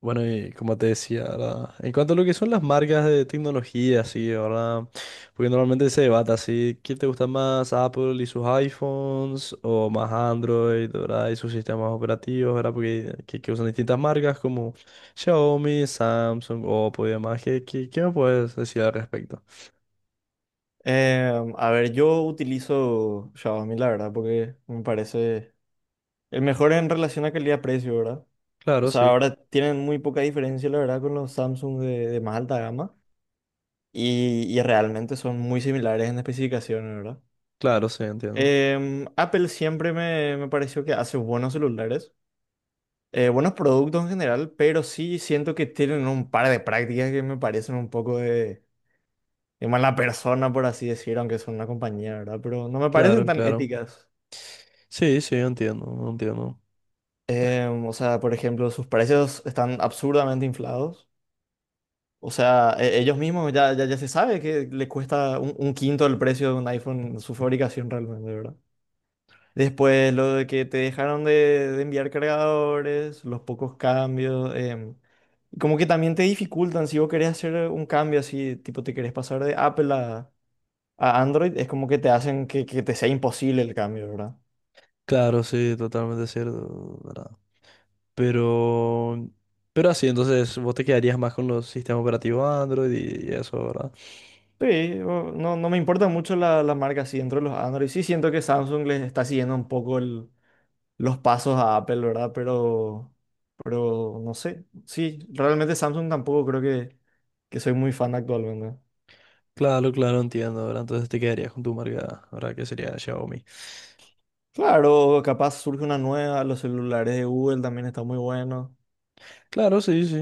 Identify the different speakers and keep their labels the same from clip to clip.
Speaker 1: Bueno, y como te decía, ¿verdad? En cuanto a lo que son las marcas de tecnología, sí, ¿verdad? Porque normalmente se debate así, ¿quién te gusta más, Apple y sus iPhones o más Android, ¿verdad? Y sus sistemas operativos, ¿verdad? Porque que usan distintas marcas como Xiaomi, Samsung, Oppo y demás. ¿Qué me puedes decir al respecto?
Speaker 2: A ver, yo utilizo Xiaomi, la verdad, porque me parece el mejor en relación a calidad-precio, ¿verdad? O
Speaker 1: Claro,
Speaker 2: sea,
Speaker 1: sí,
Speaker 2: ahora tienen muy poca diferencia, la verdad, con los Samsung de más alta gama y realmente son muy similares en especificaciones, ¿verdad?
Speaker 1: claro, sí, entiendo.
Speaker 2: Apple siempre me pareció que hace buenos celulares, buenos productos en general, pero sí siento que tienen un par de prácticas que me parecen un poco de mala persona, por así decir, aunque son una compañía, ¿verdad? Pero no me parecen
Speaker 1: Claro,
Speaker 2: tan
Speaker 1: claro.
Speaker 2: éticas.
Speaker 1: Sí, sí, entiendo, entiendo.
Speaker 2: O sea, por ejemplo, sus precios están absurdamente inflados. O sea, ellos mismos ya se sabe que le cuesta un quinto el precio de un iPhone su fabricación realmente, ¿verdad? Después, lo de que te dejaron de enviar cargadores, los pocos cambios, y como que también te dificultan si vos querés hacer un cambio así, tipo te querés pasar de Apple a Android, es como que te hacen que te sea imposible el cambio, ¿verdad?
Speaker 1: Claro, sí, totalmente cierto, ¿verdad? Pero, pero así, entonces vos te quedarías más con los sistemas operativos Android y eso, ¿verdad?
Speaker 2: Sí, o- no, no me importa mucho la marca así dentro de los Android. Sí, siento que Samsung les está siguiendo un poco el- los pasos a Apple, ¿verdad? Pero no sé. Sí, realmente Samsung tampoco creo que soy muy fan actualmente.
Speaker 1: Claro, claro, entiendo, ¿verdad? Entonces te quedarías con tu marca, ¿verdad? Que sería Xiaomi.
Speaker 2: Claro, capaz surge una nueva, los celulares de Google también están muy buenos.
Speaker 1: Claro, sí, sí.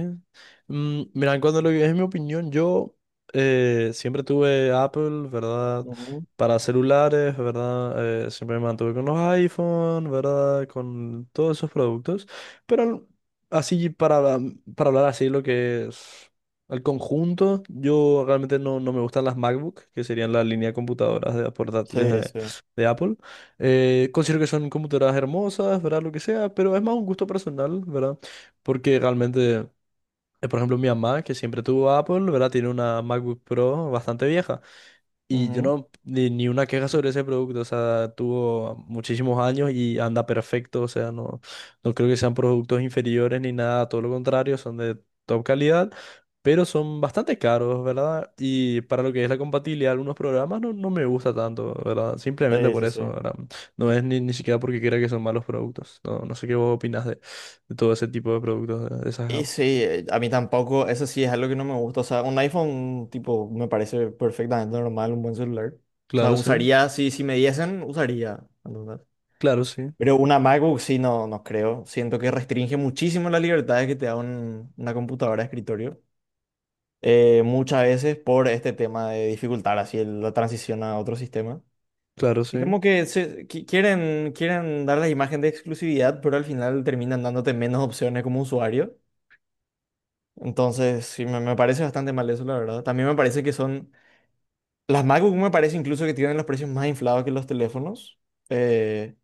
Speaker 1: Mm, mira, en cuanto a lo que es mi opinión, yo siempre tuve Apple, ¿verdad?
Speaker 2: Ujú.
Speaker 1: Para celulares, ¿verdad? Siempre me mantuve con los iPhone, ¿verdad? Con todos esos productos. Pero así, para hablar así, lo que es el conjunto, yo realmente no, no me gustan las MacBook, que serían la línea de computadoras de portátiles
Speaker 2: Sí, sí.
Speaker 1: de Apple. Considero que son computadoras hermosas, ¿verdad? Lo que sea, pero es más un gusto personal, ¿verdad? Porque realmente, por ejemplo, mi mamá, que siempre tuvo Apple, ¿verdad? Tiene una MacBook Pro bastante vieja. Y yo
Speaker 2: Ujú.
Speaker 1: no, ni, ni una queja sobre ese producto, o sea, tuvo muchísimos años y anda perfecto, o sea, no, no creo que sean productos inferiores ni nada, todo lo contrario, son de top calidad, pero son bastante caros, ¿verdad? Y para lo que es la compatibilidad de algunos programas no, no me gusta tanto, ¿verdad? Simplemente
Speaker 2: Sí,
Speaker 1: por
Speaker 2: sí,
Speaker 1: eso,
Speaker 2: sí.
Speaker 1: ¿verdad? No es ni, ni siquiera porque crea que son malos productos, no, no sé qué vos opinás de todo ese tipo de productos, de esas
Speaker 2: Y
Speaker 1: gamas.
Speaker 2: sí, a mí tampoco, eso sí es algo que no me gusta. O sea, un iPhone, tipo, me parece perfectamente normal, un buen celular. O sea,
Speaker 1: Claro, sí,
Speaker 2: usaría, si, si me diesen, usaría. ¿Entendés?
Speaker 1: claro, sí,
Speaker 2: Pero una MacBook sí, no, no creo. Siento que restringe muchísimo las libertades que te da un- una computadora de escritorio. Muchas veces por este tema de dificultar así el- la transición a otro sistema.
Speaker 1: claro, sí,
Speaker 2: Y como que se- qui- quieren dar la imagen de exclusividad, pero al final terminan dándote menos opciones como usuario. Entonces, sí, me parece bastante mal eso, la verdad. También me parece que son... Las MacBook me parece incluso que tienen los precios más inflados que los teléfonos. Eh,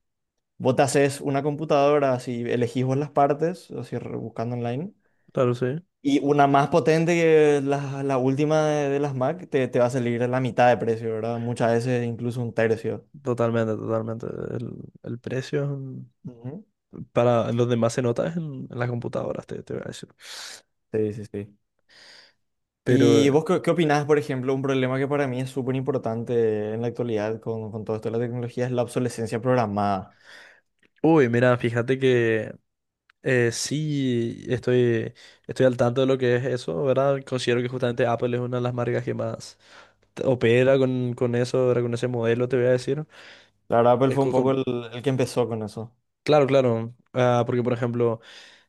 Speaker 2: Vos te haces una computadora, así elegís vos las partes, así re- buscando online.
Speaker 1: claro, sí.
Speaker 2: Y una más potente que la última de las Mac te va a salir a la mitad de precio, ¿verdad? Muchas veces incluso un tercio.
Speaker 1: Totalmente, totalmente. El precio es un-
Speaker 2: Ujú.
Speaker 1: para los demás se nota es en las computadoras, te voy a decir.
Speaker 2: Sí, sí, sí.
Speaker 1: Pero,
Speaker 2: ¿Y vos qué opinás, por ejemplo, un problema que para mí es súper importante en la actualidad con todo esto de la tecnología es la obsolescencia programada?
Speaker 1: uy, mira, fíjate que sí estoy, estoy al tanto de lo que es eso, ¿verdad? Considero que justamente Apple es una de las marcas que más t- opera con eso, ¿verdad? Con ese modelo, te voy a decir.
Speaker 2: La verdad, Apple
Speaker 1: Es
Speaker 2: fue un
Speaker 1: co-
Speaker 2: poco
Speaker 1: con-
Speaker 2: el que empezó con eso.
Speaker 1: claro, claro. Ah, porque, por ejemplo,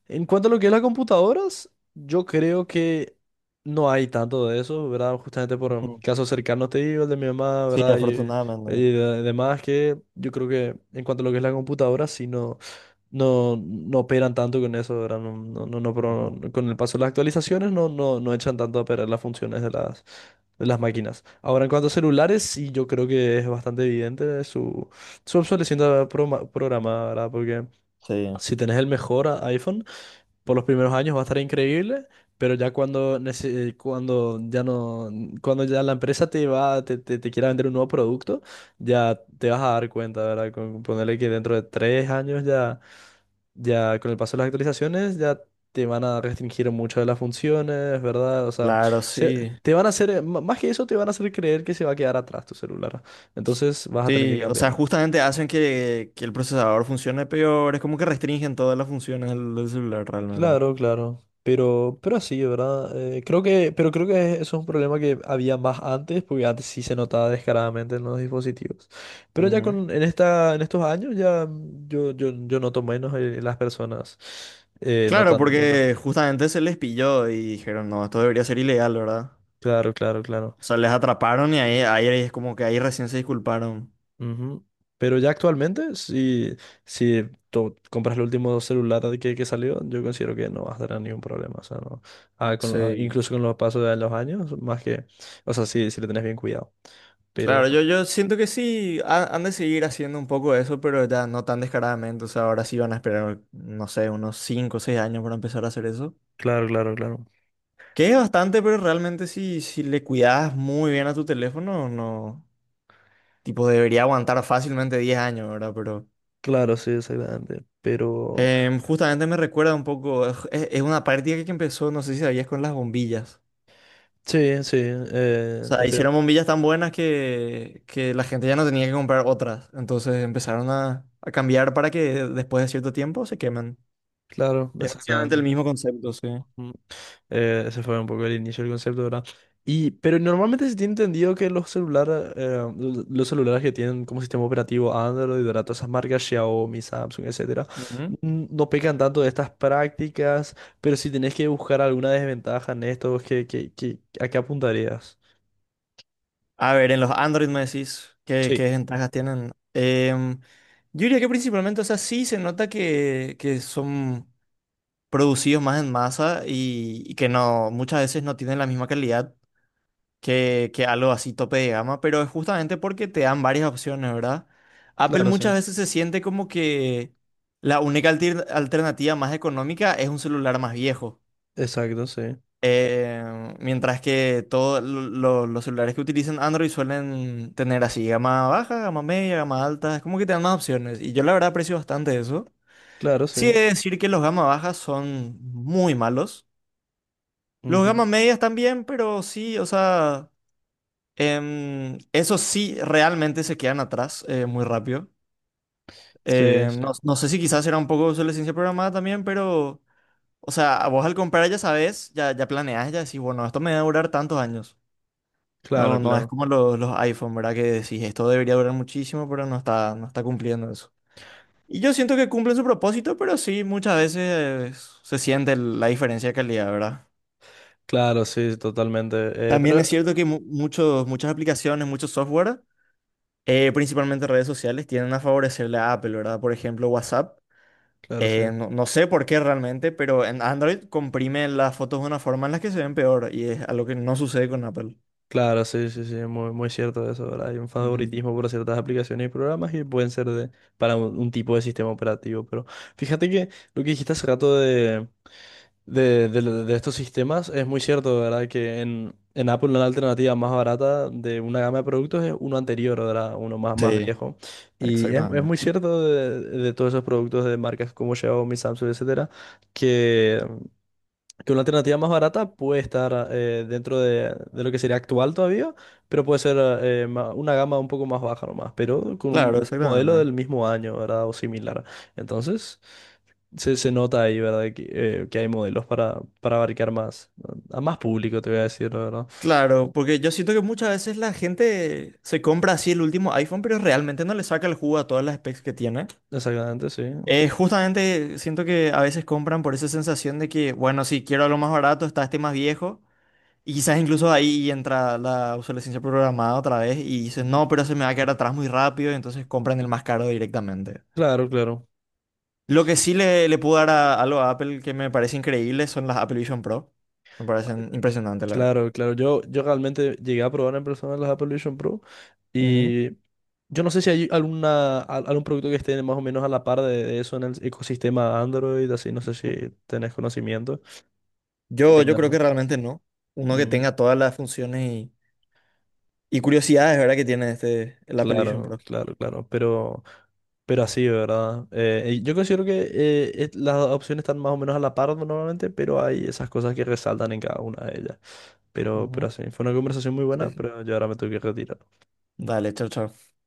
Speaker 1: en cuanto a lo que es las computadoras, yo creo que no hay tanto de eso, ¿verdad? Justamente por
Speaker 2: Ujú.
Speaker 1: casos cercanos te digo, el de mi mamá,
Speaker 2: Sí,
Speaker 1: ¿verdad?
Speaker 2: afortunadamente.
Speaker 1: Y de- demás, que yo creo que en cuanto a lo que es la computadora, sí no, no, no operan tanto con eso, ¿verdad? No, no, no, no, pro-
Speaker 2: Ujú.
Speaker 1: no- con el paso de las actualizaciones no, no, no echan tanto a perder las funciones de las máquinas. Ahora, en cuanto a celulares, sí yo creo que es bastante evidente su, su obsolescencia programa- programada, ¿verdad? Porque
Speaker 2: Sí.
Speaker 1: si tenés el mejor a- iPhone, por los primeros años va a estar increíble, pero ya cuando, nece- cuando ya no, cuando ya la empresa te va, te quiera vender un nuevo producto, ya te vas a dar cuenta, ¿verdad? Con ponerle que dentro de tres años ya, ya con el paso de las actualizaciones, ya te van a restringir mucho de las funciones, ¿verdad? O sea,
Speaker 2: Claro,
Speaker 1: se-
Speaker 2: sí.
Speaker 1: te van a hacer, m- más que eso, te van a hacer creer que se va a quedar atrás tu celular. Entonces vas a tener que
Speaker 2: Sí, o sea,
Speaker 1: cambiar.
Speaker 2: justamente hacen que el procesador funcione peor, es como que restringen todas las funciones del, del celular realmente.
Speaker 1: Claro, claro. Pero así ¿verdad? Creo que, pero creo que eso es un problema que había más antes, porque antes sí se notaba descaradamente en los dispositivos. Pero ya
Speaker 2: Ujú.
Speaker 1: con, en esta, en estos años ya yo, yo, yo noto menos en las personas.
Speaker 2: Claro,
Speaker 1: Notan, notan.
Speaker 2: porque justamente se les pilló y dijeron, no, esto debería ser ilegal, ¿verdad?
Speaker 1: Claro, claro, claro.
Speaker 2: O sea, les atraparon y ahí, ahí es como que ahí recién se disculparon.
Speaker 1: Ujú. Pero ya actualmente, si, si tú compras el último celular que salió, yo considero que no vas a tener ningún problema. O sea, no. Ah, con- ah,
Speaker 2: Sí.
Speaker 1: incluso con los pasos de los años, más que, o sea, si si le tenés bien cuidado.
Speaker 2: Claro,
Speaker 1: Pero,
Speaker 2: yo siento que sí ha- han de seguir haciendo un poco eso, pero ya no tan descaradamente. O sea, ahora sí van a esperar, no sé, unos 5 o 6 años para empezar a hacer eso.
Speaker 1: claro, claro, claro.
Speaker 2: Que es bastante, pero realmente si, si le cuidas muy bien a tu teléfono, no. Tipo, debería aguantar fácilmente 10 años, ¿verdad? Pero
Speaker 1: Claro, sí, exactamente. Pero,
Speaker 2: justamente me recuerda un poco, es una práctica que empezó, no sé si sabías, con las bombillas.
Speaker 1: sí, sí,
Speaker 2: O sea,
Speaker 1: estoy de
Speaker 2: hicieron
Speaker 1: acuerdo.
Speaker 2: bombillas tan buenas que la gente ya no tenía que comprar otras. Entonces empezaron a cambiar para que después de cierto tiempo se quemen.
Speaker 1: Claro,
Speaker 2: Es básicamente el
Speaker 1: exactamente.
Speaker 2: mismo concepto, sí.
Speaker 1: Mm. Ese fue un poco el inicio del concepto, ¿verdad? Y, pero normalmente se tiene entendido que los celulares que tienen como sistema operativo Android, ¿verdad? Todas esas marcas, Xiaomi, Samsung, etcétera,
Speaker 2: Ujú.
Speaker 1: n- no pecan tanto de estas prácticas, pero si tenés que buscar alguna desventaja en esto, ¿qué a qué apuntarías?
Speaker 2: A ver, en los Android me decís qué
Speaker 1: Sí,
Speaker 2: ventajas tienen. Yo diría que principalmente, o sea, sí se nota que son producidos más en masa y que no, muchas veces no tienen la misma calidad que algo así tope de gama, pero es justamente porque te dan varias opciones, ¿verdad? Apple
Speaker 1: claro,
Speaker 2: muchas
Speaker 1: sí.
Speaker 2: veces se siente como que la única altir- alternativa más económica es un celular más viejo.
Speaker 1: Exacto, sí.
Speaker 2: Mientras que todos los celulares que utilizan Android suelen tener así gama baja, gama media, gama alta, es como que te dan más opciones. Y yo la verdad aprecio bastante eso.
Speaker 1: Claro,
Speaker 2: Sí, he
Speaker 1: sí.
Speaker 2: de decir que los gama bajas son muy malos. Los
Speaker 1: Ujú.
Speaker 2: gama medias también, pero sí, o sea... Eso sí, realmente se quedan atrás muy rápido.
Speaker 1: Sí, sí,
Speaker 2: No, no sé si quizás era un poco sobre la programada también, pero, o sea, vos al comprar ya sabes, ya planeas, ya decís, bueno, esto me va a durar tantos años.
Speaker 1: claro,
Speaker 2: No, no es
Speaker 1: claro.
Speaker 2: como los iPhone, ¿verdad? Que decís, esto debería durar muchísimo, pero no está, no está cumpliendo eso. Y yo siento que cumplen su propósito, pero sí, muchas veces se siente el- la diferencia de calidad, ¿verdad?
Speaker 1: Claro, sí, totalmente.
Speaker 2: También
Speaker 1: Pero,
Speaker 2: es cierto que mu- muchos, muchas aplicaciones, muchos software principalmente redes sociales, tienden a favorecerle a Apple, ¿verdad? Por ejemplo, WhatsApp.
Speaker 1: claro, sí.
Speaker 2: No, no sé por qué realmente, pero en Android comprime las fotos de una forma en la que se ven peor y es algo que no sucede con Apple.
Speaker 1: Claro, sí, sí, sí, muy, muy cierto eso, ¿verdad? Hay un
Speaker 2: Ujú.
Speaker 1: favoritismo por ciertas aplicaciones y programas y pueden ser de, para un tipo de sistema operativo. Pero fíjate que lo que dijiste hace rato de de lo- de estos sistemas, es muy cierto, ¿verdad? Que en Apple una alternativa más barata de una gama de productos es uno anterior, ¿verdad? Uno más, más
Speaker 2: Sí,
Speaker 1: viejo. Y es
Speaker 2: exactamente.
Speaker 1: muy cierto de todos esos productos de marcas como Xiaomi, Samsung, etcétera, que que una alternativa más barata puede estar dentro de lo que sería actual todavía, pero puede ser ma- una gama un poco más baja nomás, pero con un
Speaker 2: Claro,
Speaker 1: un modelo
Speaker 2: exactamente.
Speaker 1: del mismo año, ¿verdad? O similar. Entonces, se nota ahí, ¿verdad? Que hay modelos para abarcar más, a más público, te voy a decir, la verdad.
Speaker 2: Claro, porque yo siento que muchas veces la gente se compra así el último iPhone, pero realmente no le saca el jugo a todas las specs que tiene.
Speaker 1: Exactamente, sí.
Speaker 2: Justamente siento que a veces compran por esa sensación de que, bueno, si quiero algo más barato, está este más viejo. Y quizás incluso ahí entra la obsolescencia programada otra vez y dicen,
Speaker 1: Ujú.
Speaker 2: no, pero se me va a quedar atrás muy rápido, y entonces compran el más caro directamente.
Speaker 1: Claro, claro.
Speaker 2: Lo que sí le puedo dar a, algo a Apple que me parece increíble son las Apple Vision Pro. Me parecen impresionantes, la verdad.
Speaker 1: Claro, claro. Yo realmente llegué a probar en persona las Apple Vision Pro.
Speaker 2: Ujú.
Speaker 1: Y yo no sé si hay alguna, al- algún producto que esté más o menos a la par de eso en el ecosistema Android, así, no sé si tenés conocimiento, que
Speaker 2: Yo
Speaker 1: tengan,
Speaker 2: creo
Speaker 1: ¿no?
Speaker 2: que realmente no. Uno que
Speaker 1: Mm,
Speaker 2: tenga todas las funciones y curiosidades, ¿verdad? Que tiene este, el Apple Vision
Speaker 1: claro,
Speaker 2: Pro.
Speaker 1: claro, claro, pero así, ¿verdad? Y yo considero que es- las opciones están más o menos a la par normalmente, pero hay esas cosas que resaltan en cada una de ellas. Pero
Speaker 2: Ujú.
Speaker 1: así, fue una conversación muy
Speaker 2: Sí,
Speaker 1: buena,
Speaker 2: sí.
Speaker 1: pero yo ahora me tengo que retirar.
Speaker 2: Dale, chao, chao.